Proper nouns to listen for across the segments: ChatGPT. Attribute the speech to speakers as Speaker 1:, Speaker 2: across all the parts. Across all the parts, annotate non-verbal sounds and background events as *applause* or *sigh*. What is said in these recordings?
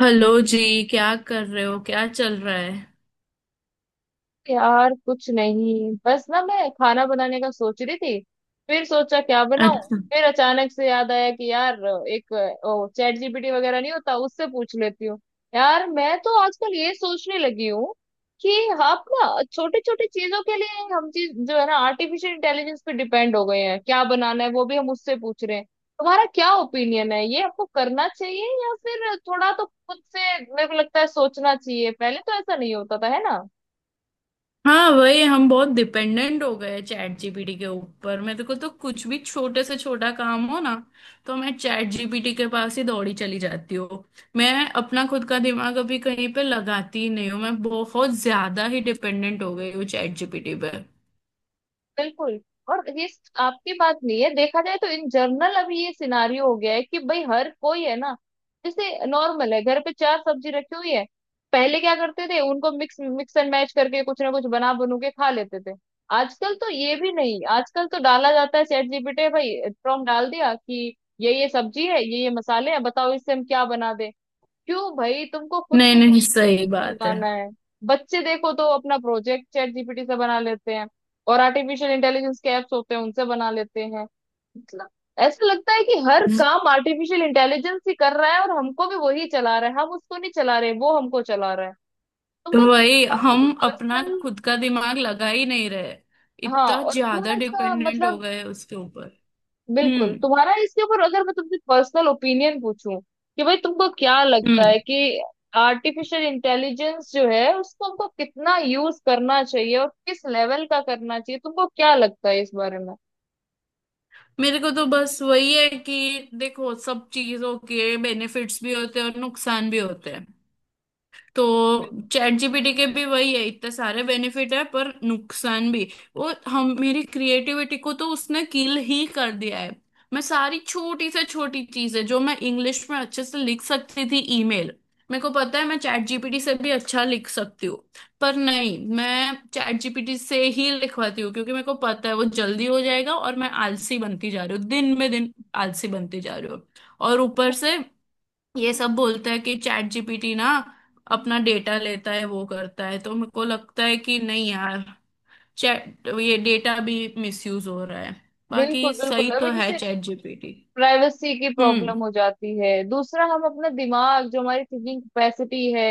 Speaker 1: Hello जी। क्या कर रहे हो, क्या चल रहा है?
Speaker 2: यार कुछ नहीं, बस ना मैं खाना बनाने का सोच रही थी। फिर सोचा क्या बनाऊं।
Speaker 1: अच्छा।
Speaker 2: फिर अचानक से याद आया कि यार एक चैट जीपीटी वगैरह नहीं होता, उससे पूछ लेती हूँ। यार मैं तो आजकल ये सोचने लगी हूँ कि आप ना छोटी छोटी चीजों के लिए, हम चीज जो है ना, आर्टिफिशियल इंटेलिजेंस पे डिपेंड हो गए हैं। क्या बनाना है वो भी हम उससे पूछ रहे हैं। तुम्हारा क्या ओपिनियन है, ये आपको करना चाहिए या फिर थोड़ा तो खुद से, मेरे को लगता है, सोचना चाहिए। पहले तो ऐसा नहीं होता था, है ना।
Speaker 1: हाँ, वही हम बहुत डिपेंडेंट हो गए चैट जीपीटी के ऊपर। मेरे को तो कुछ भी छोटे से छोटा काम हो ना, तो मैं चैट जीपीटी के पास ही दौड़ी चली जाती हूँ। मैं अपना खुद का दिमाग अभी कहीं पे लगाती ही नहीं हूँ। मैं बहुत ज्यादा ही डिपेंडेंट हो गई हूँ चैट जीपीटी पे।
Speaker 2: बिल्कुल। और ये आपकी बात नहीं है, देखा जाए तो इन जनरल अभी ये सिनारियो हो गया है कि भाई हर कोई, है ना, जैसे नॉर्मल है, घर पे चार सब्जी रखी हुई है। पहले क्या करते थे, उनको मिक्स मिक्स एंड मैच करके कुछ ना कुछ बना बनू के खा लेते थे। आजकल तो ये भी नहीं, आजकल तो डाला जाता है चैट जीपीटी, भाई प्रॉम्प्ट डाल दिया कि ये सब्जी है, ये मसाले हैं, बताओ इससे हम क्या बना दें। क्यों भाई, तुमको खुद
Speaker 1: नहीं
Speaker 2: से
Speaker 1: नहीं, सही बात है।
Speaker 2: लगाना है। बच्चे देखो तो अपना प्रोजेक्ट चैट जीपीटी से बना लेते हैं, और आर्टिफिशियल इंटेलिजेंस के ऐप्स होते हैं उनसे बना लेते हैं। मतलब ऐसा लगता है कि हर काम आर्टिफिशियल इंटेलिजेंस ही कर रहा है, और हमको भी वही चला रहा है। हम उसको नहीं चला रहे, वो हमको चला रहा है। हमको
Speaker 1: वही,
Speaker 2: थोड़ा सा
Speaker 1: हम अपना
Speaker 2: पर्सनल।
Speaker 1: खुद का दिमाग लगा ही नहीं रहे।
Speaker 2: हाँ,
Speaker 1: इतना
Speaker 2: और
Speaker 1: ज्यादा
Speaker 2: थोड़ा इसका
Speaker 1: डिपेंडेंट हो
Speaker 2: मतलब,
Speaker 1: गए उसके ऊपर।
Speaker 2: बिल्कुल।
Speaker 1: हम्म।
Speaker 2: तुम्हारा इसके ऊपर, अगर मैं तुमसे पर्सनल ओपिनियन पूछूं कि भाई तुमको क्या लगता
Speaker 1: हम्म।
Speaker 2: है कि आर्टिफिशियल इंटेलिजेंस जो है उसको हमको कितना यूज करना चाहिए, और किस लेवल का करना चाहिए, तुमको क्या लगता है इस बारे में?
Speaker 1: मेरे को तो बस वही है कि देखो, सब चीजों के बेनिफिट्स भी होते हैं और नुकसान भी होते हैं। तो चैट जीपीटी के भी वही है, इतने सारे बेनिफिट है पर नुकसान भी। वो हम मेरी क्रिएटिविटी को तो उसने किल ही कर दिया है। मैं सारी छोटी से छोटी चीजें जो मैं इंग्लिश में अच्छे से लिख सकती थी, ईमेल। मेरे को पता है मैं चैट जीपीटी से भी अच्छा लिख सकती हूँ। पर नहीं, मैं चैट जीपीटी से ही लिखवाती हूँ क्योंकि मेरे को पता है वो जल्दी हो जाएगा और मैं आलसी बनती जा रही हूँ दिन में दिन। आलसी बनती जा रही हूँ। और ऊपर से ये सब बोलता है कि चैट जीपीटी ना अपना डेटा लेता है, वो करता है। तो मेरे को लगता है कि नहीं यार, चैट ये डेटा भी मिसयूज हो रहा है।
Speaker 2: बिल्कुल,
Speaker 1: बाकी सही
Speaker 2: बिल्कुल। अभी
Speaker 1: तो है
Speaker 2: जैसे
Speaker 1: चैट जीपीटी।
Speaker 2: प्राइवेसी की
Speaker 1: हम्म।
Speaker 2: प्रॉब्लम हो जाती है, दूसरा हम अपना दिमाग, जो हमारी थिंकिंग कैपेसिटी है,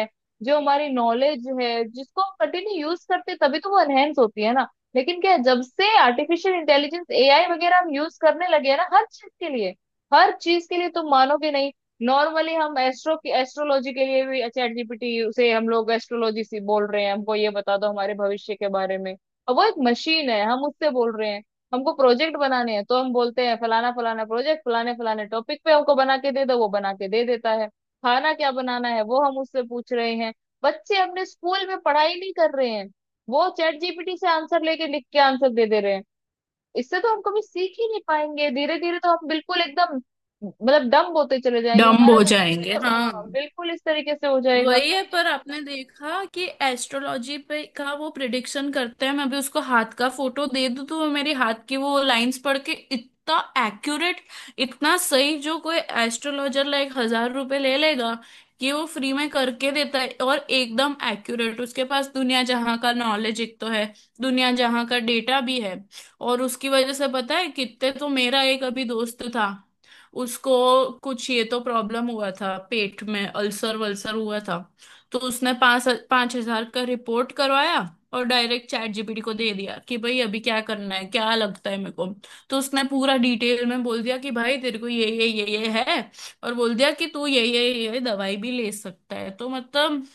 Speaker 2: जो हमारी नॉलेज है, जिसको हम कंटिन्यू यूज करते हैं, तभी तो वो एनहेंस होती है ना। लेकिन क्या है, जब से आर्टिफिशियल इंटेलिजेंस, एआई वगैरह हम यूज करने लगे हैं ना, हर चीज के लिए, हर चीज के लिए, तुम मानोगे नहीं, नॉर्मली हम एस्ट्रोलॉजी के लिए भी चैट जीपीटी से, हम लोग एस्ट्रोलॉजी से बोल रहे हैं, हमको ये बता दो हमारे भविष्य के बारे में। और वो एक मशीन है, हम उससे बोल रहे हैं। हमको प्रोजेक्ट बनाने हैं तो हम बोलते हैं फलाना फलाना प्रोजेक्ट, फलाने फलाने टॉपिक पे हमको बना के दे दो, वो बना के दे देता है। खाना क्या बनाना है वो हम उससे पूछ रहे हैं। बच्चे अपने स्कूल में पढ़ाई नहीं कर रहे हैं, वो चैट जीपीटी से आंसर लेके, लिख के आंसर दे दे रहे हैं। इससे तो हम कभी सीख ही नहीं पाएंगे। धीरे धीरे तो हम बिल्कुल एकदम, मतलब डम होते चले जाएंगे
Speaker 1: डम्ब
Speaker 2: हमारा।
Speaker 1: हो जाएंगे,
Speaker 2: तो
Speaker 1: हाँ।
Speaker 2: हाँ, बिल्कुल इस तरीके से हो जाएगा।
Speaker 1: वही है। पर आपने देखा कि एस्ट्रोलॉजी पे का वो प्रिडिक्शन करते हैं, मैं भी उसको हाथ का फोटो दे दूं तो वो मेरी हाथ की वो लाइंस पढ़ के इतना एक्यूरेट, इतना सही, जो कोई एस्ट्रोलॉजर लाइक 1,000 रुपए ले लेगा कि वो फ्री में करके देता है और एकदम एक्यूरेट। उसके पास दुनिया जहां का नॉलेज एक तो है, दुनिया जहां का डेटा भी है। और उसकी वजह से पता है कितने। तो मेरा एक अभी दोस्त था, उसको कुछ ये तो प्रॉब्लम हुआ था पेट में, अल्सर वल्सर हुआ था। तो उसने 5-5 हजार का रिपोर्ट करवाया और डायरेक्ट चैट जीपीटी को दे दिया कि भाई अभी क्या करना है, क्या लगता है मेरे को। तो उसने पूरा डिटेल में बोल दिया कि भाई तेरे को ये है। और बोल दिया कि तू ये दवाई भी ले सकता है। तो मतलब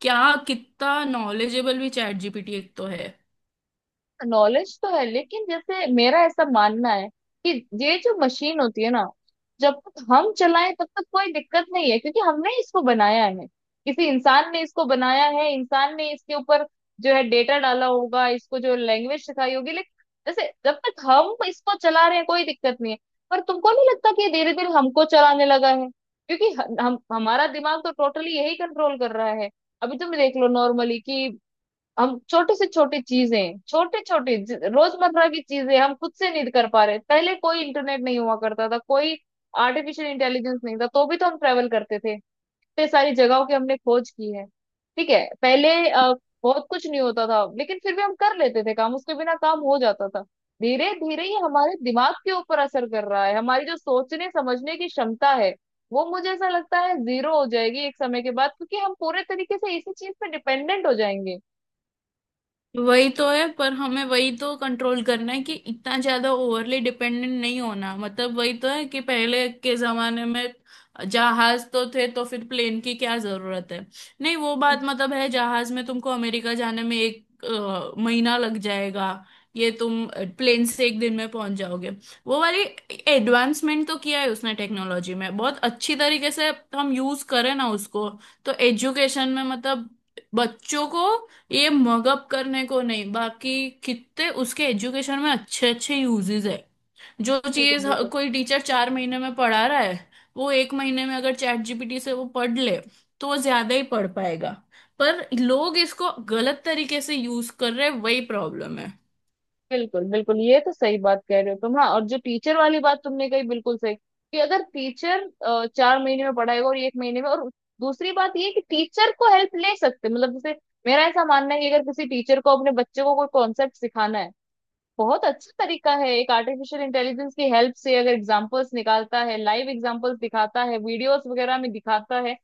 Speaker 1: क्या, कितना नॉलेजेबल भी चैट जीपीटी एक तो है।
Speaker 2: नॉलेज तो है, लेकिन जैसे मेरा ऐसा मानना है कि ये जो मशीन होती है ना, जब तक हम चलाएं तब तक कोई दिक्कत नहीं है, क्योंकि हमने इसको बनाया है, किसी इंसान ने इसको बनाया है। इंसान ने इसके ऊपर जो है डेटा डाला होगा, इसको जो लैंग्वेज सिखाई होगी, लेकिन जैसे जब तक हम इसको चला रहे हैं कोई दिक्कत नहीं है। पर तुमको नहीं लगता कि धीरे धीरे हमको चलाने लगा है, क्योंकि हमारा दिमाग तो टोटली यही कंट्रोल कर रहा है। अभी तुम देख लो, नॉर्मली कि हम छोटे से छोटे चीजें, छोटे छोटे रोजमर्रा की चीजें हम खुद से नहीं कर पा रहे। पहले कोई इंटरनेट नहीं हुआ करता था, कोई आर्टिफिशियल इंटेलिजेंस नहीं था, तो भी तो हम ट्रेवल करते थे। इतने सारी जगहों की हमने खोज की है। ठीक है, पहले बहुत कुछ नहीं होता था, लेकिन फिर भी हम कर लेते थे, काम उसके बिना काम हो जाता था। धीरे धीरे ही हमारे दिमाग के ऊपर असर कर रहा है, हमारी जो सोचने समझने की क्षमता है वो, मुझे ऐसा लगता है, जीरो हो जाएगी एक समय के बाद, क्योंकि हम पूरे तरीके से इसी चीज पे डिपेंडेंट हो जाएंगे।
Speaker 1: वही तो है पर हमें वही तो कंट्रोल करना है कि इतना ज्यादा ओवरली डिपेंडेंट नहीं होना। मतलब वही तो है कि पहले के जमाने में जहाज तो थे तो फिर प्लेन की क्या जरूरत है। नहीं वो बात मतलब है, जहाज में तुमको अमेरिका जाने में एक महीना लग जाएगा। ये तुम प्लेन से 1 दिन में पहुंच जाओगे। वो वाली एडवांसमेंट तो किया है उसने टेक्नोलॉजी में बहुत अच्छी तरीके से। हम यूज करें ना उसको। तो एजुकेशन में मतलब बच्चों को ये मगअप करने को नहीं। बाकी कितने उसके एजुकेशन में अच्छे अच्छे यूजेस है। जो
Speaker 2: बिल्कुल,
Speaker 1: चीज
Speaker 2: बिल्कुल,
Speaker 1: कोई टीचर 4 महीने में पढ़ा रहा है, वो 1 महीने में अगर चैट जीपीटी से वो पढ़ ले तो वो ज्यादा ही पढ़ पाएगा। पर लोग इसको गलत तरीके से यूज कर रहे हैं, वही प्रॉब्लम है।
Speaker 2: बिल्कुल, बिल्कुल, ये तो सही बात कह रहे हो तुम। हाँ, और जो टीचर वाली बात तुमने कही, बिल्कुल सही, कि अगर टीचर 4 महीने में पढ़ाएगा, और 1 महीने में, और दूसरी बात ये कि टीचर को हेल्प ले सकते हैं। मतलब जैसे मेरा ऐसा मानना है कि अगर किसी टीचर को अपने बच्चे को कोई कॉन्सेप्ट सिखाना है, बहुत अच्छा तरीका है एक, आर्टिफिशियल इंटेलिजेंस की हेल्प से अगर एग्जांपल्स निकालता है, लाइव एग्जांपल्स दिखाता है, वीडियोस वगैरह में दिखाता है,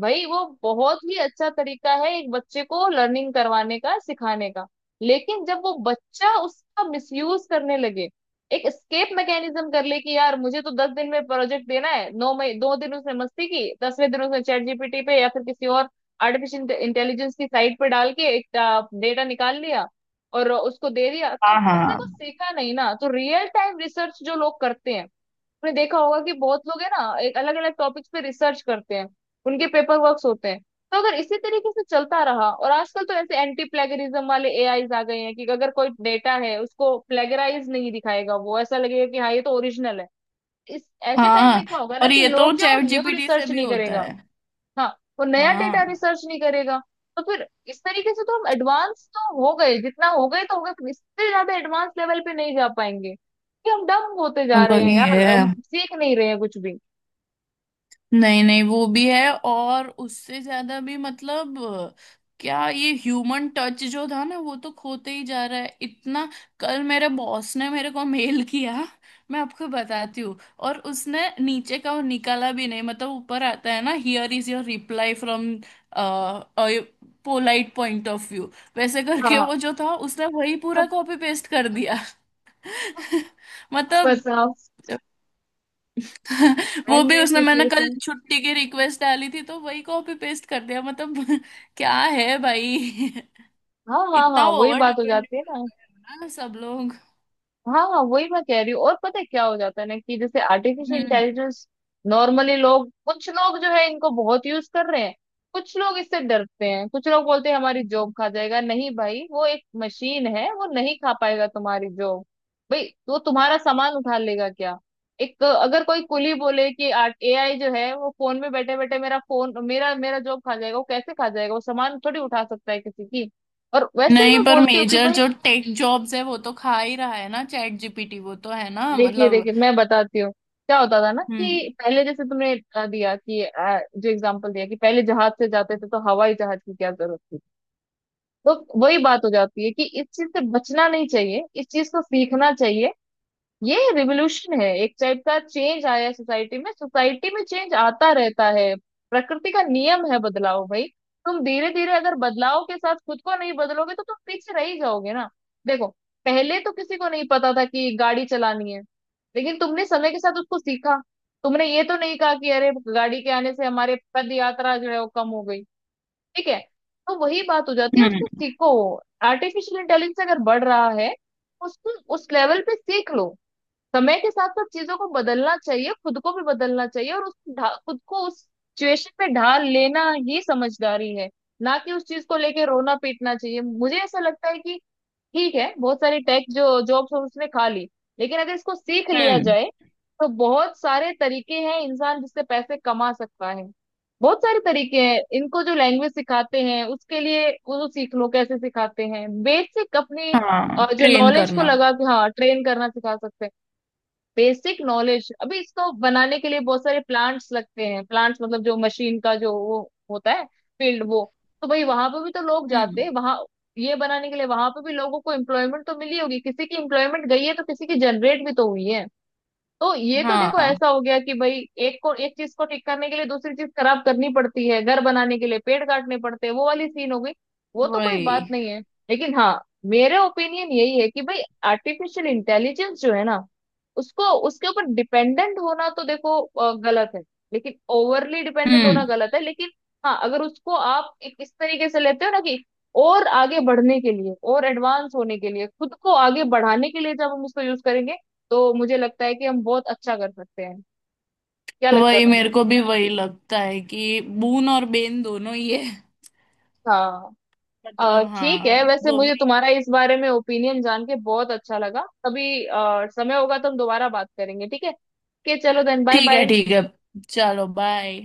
Speaker 2: भाई वो बहुत ही अच्छा तरीका है एक बच्चे को लर्निंग करवाने का, सिखाने का। लेकिन जब वो बच्चा उसका मिसयूज करने लगे, एक स्केप मैकेनिज्म कर ले कि यार मुझे तो 10 दिन में प्रोजेक्ट देना है, नौ मई दो दिन उसने मस्ती की, 10वें दिन उसने चैट जीपीटी पे या फिर किसी और आर्टिफिशियल इंटेलिजेंस की साइट पे डाल के एक डेटा निकाल लिया और उसको दे दिया, तो
Speaker 1: हाँ
Speaker 2: उसने
Speaker 1: हाँ
Speaker 2: कुछ सीखा नहीं ना। तो रियल टाइम रिसर्च जो लोग करते हैं, आपने देखा होगा कि बहुत लोग है ना एक, अलग अलग टॉपिक्स पे रिसर्च करते हैं, उनके पेपर वर्क्स होते हैं। तो अगर इसी तरीके से चलता रहा, और आजकल तो ऐसे एंटी प्लेगरिज्म वाले एआईज आ गए हैं कि अगर कोई डेटा है उसको प्लेगराइज नहीं दिखाएगा, वो ऐसा लगेगा कि हाँ ये तो ओरिजिनल है। इस ऐसे टाइम में
Speaker 1: हाँ।
Speaker 2: क्या होगा ना
Speaker 1: और
Speaker 2: कि
Speaker 1: ये तो
Speaker 2: लोग जो
Speaker 1: चैट
Speaker 2: न्यू
Speaker 1: जीपीटी से
Speaker 2: रिसर्च
Speaker 1: भी
Speaker 2: नहीं
Speaker 1: होता
Speaker 2: करेगा।
Speaker 1: है।
Speaker 2: हाँ, वो नया डेटा
Speaker 1: हाँ।
Speaker 2: रिसर्च नहीं करेगा। तो फिर इस तरीके से तो हम एडवांस तो हो गए जितना हो गए तो हो गए, पर इससे ज्यादा एडवांस लेवल पे नहीं जा पाएंगे, कि हम डम होते जा रहे हैं
Speaker 1: वही
Speaker 2: यार, हम
Speaker 1: है।
Speaker 2: सीख नहीं रहे हैं कुछ भी।
Speaker 1: नहीं नहीं, वो भी है और उससे ज्यादा भी। मतलब क्या, ये ह्यूमन टच जो था ना, वो तो खोते ही जा रहा है इतना। कल मेरे बॉस ने मेरे को मेल *laughs* किया। मैं आपको बताती हूँ। और उसने नीचे का वो निकाला भी नहीं। मतलब ऊपर आता है ना, here is your reply from polite point of view, वैसे करके वो
Speaker 2: हाँ।
Speaker 1: जो था उसने वही पूरा
Speaker 2: *laughs*
Speaker 1: कॉपी पेस्ट कर दिया। *laughs* मतलब।
Speaker 2: बताओ।
Speaker 1: वो भी
Speaker 2: ऐसी
Speaker 1: उसने, मैंने कल
Speaker 2: सिचुएशन।
Speaker 1: छुट्टी की रिक्वेस्ट डाली थी तो वही कॉपी पेस्ट कर दिया, मतलब *laughs* क्या है भाई।
Speaker 2: हाँ,
Speaker 1: *laughs*
Speaker 2: हाँ,
Speaker 1: इतना
Speaker 2: हाँ, वही
Speaker 1: ओवर
Speaker 2: बात हो
Speaker 1: डिपेंडेंट
Speaker 2: जाती है ना।
Speaker 1: ना सब लोग।
Speaker 2: हाँ, हाँ, वही मैं कह रही हूँ। और पता है क्या हो जाता है ना कि जैसे आर्टिफिशियल
Speaker 1: हम्म।
Speaker 2: इंटेलिजेंस, नॉर्मली लोग, कुछ लोग जो है इनको बहुत यूज कर रहे हैं, कुछ लोग इससे डरते हैं, कुछ लोग बोलते हैं हमारी जॉब खा जाएगा। नहीं भाई, वो एक मशीन है, वो नहीं खा पाएगा तुम्हारी जॉब। भाई वो तुम्हारा सामान उठा लेगा क्या? एक अगर कोई कुली बोले कि एआई जो है वो फोन में बैठे बैठे मेरा फोन, मेरा मेरा जॉब खा जाएगा, वो कैसे खा जाएगा? वो सामान थोड़ी उठा सकता है किसी की। और वैसे ही
Speaker 1: नहीं
Speaker 2: मैं
Speaker 1: पर
Speaker 2: बोलती हूँ कि
Speaker 1: मेजर
Speaker 2: भाई,
Speaker 1: जो टेक जॉब्स है वो तो खा ही रहा है ना चैट जीपीटी, वो तो है ना,
Speaker 2: देखिए,
Speaker 1: मतलब।
Speaker 2: देखिए, मैं बताती हूँ क्या होता था ना
Speaker 1: हम्म।
Speaker 2: कि पहले जैसे तुमने दिया कि जो एग्जांपल दिया कि पहले जहाज से जाते थे, तो हवाई जहाज की क्या जरूरत थी। तो वही बात हो जाती है, कि इस चीज से बचना नहीं चाहिए, इस चीज को सीखना चाहिए। ये रिवोल्यूशन है, एक टाइप का चेंज आया है सोसाइटी में। सोसाइटी में चेंज आता रहता है, प्रकृति का नियम है बदलाव भाई। तुम धीरे धीरे अगर बदलाव के साथ खुद को नहीं बदलोगे, तो तुम पीछे रह ही जाओगे ना। देखो, पहले तो किसी को नहीं पता था कि गाड़ी चलानी है, लेकिन तुमने समय के साथ उसको सीखा। तुमने ये तो नहीं कहा कि अरे गाड़ी के आने से हमारे पद यात्रा जो है वो कम हो गई। ठीक है, तो वही बात हो जाती है, उसको
Speaker 1: हम्म।
Speaker 2: सीखो। आर्टिफिशियल इंटेलिजेंस अगर बढ़ रहा है, उसको उस लेवल पे सीख लो। समय के साथ साथ चीजों को बदलना चाहिए, खुद को भी बदलना चाहिए, और खुद को उस सिचुएशन में ढाल लेना ही समझदारी है। ना कि उस चीज को लेके रोना पीटना चाहिए। मुझे ऐसा लगता है कि ठीक है, बहुत सारी टेक जो जॉब्स उसने खा ली, लेकिन अगर इसको सीख लिया
Speaker 1: हम्म।
Speaker 2: जाए, तो बहुत सारे तरीके हैं इंसान जिससे पैसे कमा सकता है। बहुत सारे तरीके हैं, इनको जो लैंग्वेज सिखाते हैं उसके लिए, वो तो सीख लो कैसे सिखाते हैं, बेसिक अपनी
Speaker 1: हाँ,
Speaker 2: जो
Speaker 1: ट्रेन
Speaker 2: नॉलेज को
Speaker 1: करना।
Speaker 2: लगा के, हाँ, ट्रेन करना सिखा सकते हैं। बेसिक नॉलेज, अभी इसको बनाने के लिए बहुत सारे प्लांट्स लगते हैं, प्लांट्स मतलब जो मशीन का जो वो होता है, फील्ड वो, तो भाई वहां पे भी तो लोग जाते
Speaker 1: हम्म।
Speaker 2: हैं वहां, ये बनाने के लिए। वहां पे भी लोगों को एम्प्लॉयमेंट तो मिली होगी, किसी की एम्प्लॉयमेंट गई है तो किसी की जनरेट भी तो हुई है। तो ये तो देखो,
Speaker 1: हाँ,
Speaker 2: ऐसा हो गया कि भाई एक को, एक चीज को ठीक करने के लिए दूसरी चीज खराब करनी पड़ती है, घर बनाने के लिए पेड़ काटने पड़ते हैं, वो वाली सीन हो गई। वो तो कोई
Speaker 1: वही।
Speaker 2: बात नहीं है। लेकिन हाँ, मेरे ओपिनियन यही है कि भाई आर्टिफिशियल इंटेलिजेंस जो है ना, उसको, उसके ऊपर डिपेंडेंट होना तो देखो गलत है, लेकिन ओवरली डिपेंडेंट होना
Speaker 1: हम्म।
Speaker 2: गलत है, लेकिन हाँ, अगर उसको आप एक इस तरीके से लेते हो ना कि और आगे बढ़ने के लिए, और एडवांस होने के लिए, खुद को आगे बढ़ाने के लिए जब हम उसको यूज करेंगे, तो मुझे लगता है कि हम बहुत अच्छा कर सकते हैं। क्या लगता है
Speaker 1: वही, मेरे
Speaker 2: तुमको?
Speaker 1: को भी वही लगता है कि बून और बेन दोनों ही है।
Speaker 2: हाँ।
Speaker 1: मतलब
Speaker 2: ठीक
Speaker 1: हाँ।
Speaker 2: है, वैसे
Speaker 1: दोनों।
Speaker 2: मुझे तुम्हारा इस बारे में ओपिनियन जान के बहुत अच्छा लगा। कभी समय होगा तो हम दोबारा बात करेंगे, ठीक है। के, चलो देन, बाय
Speaker 1: ठीक है
Speaker 2: बाय।
Speaker 1: ठीक है, चलो बाय।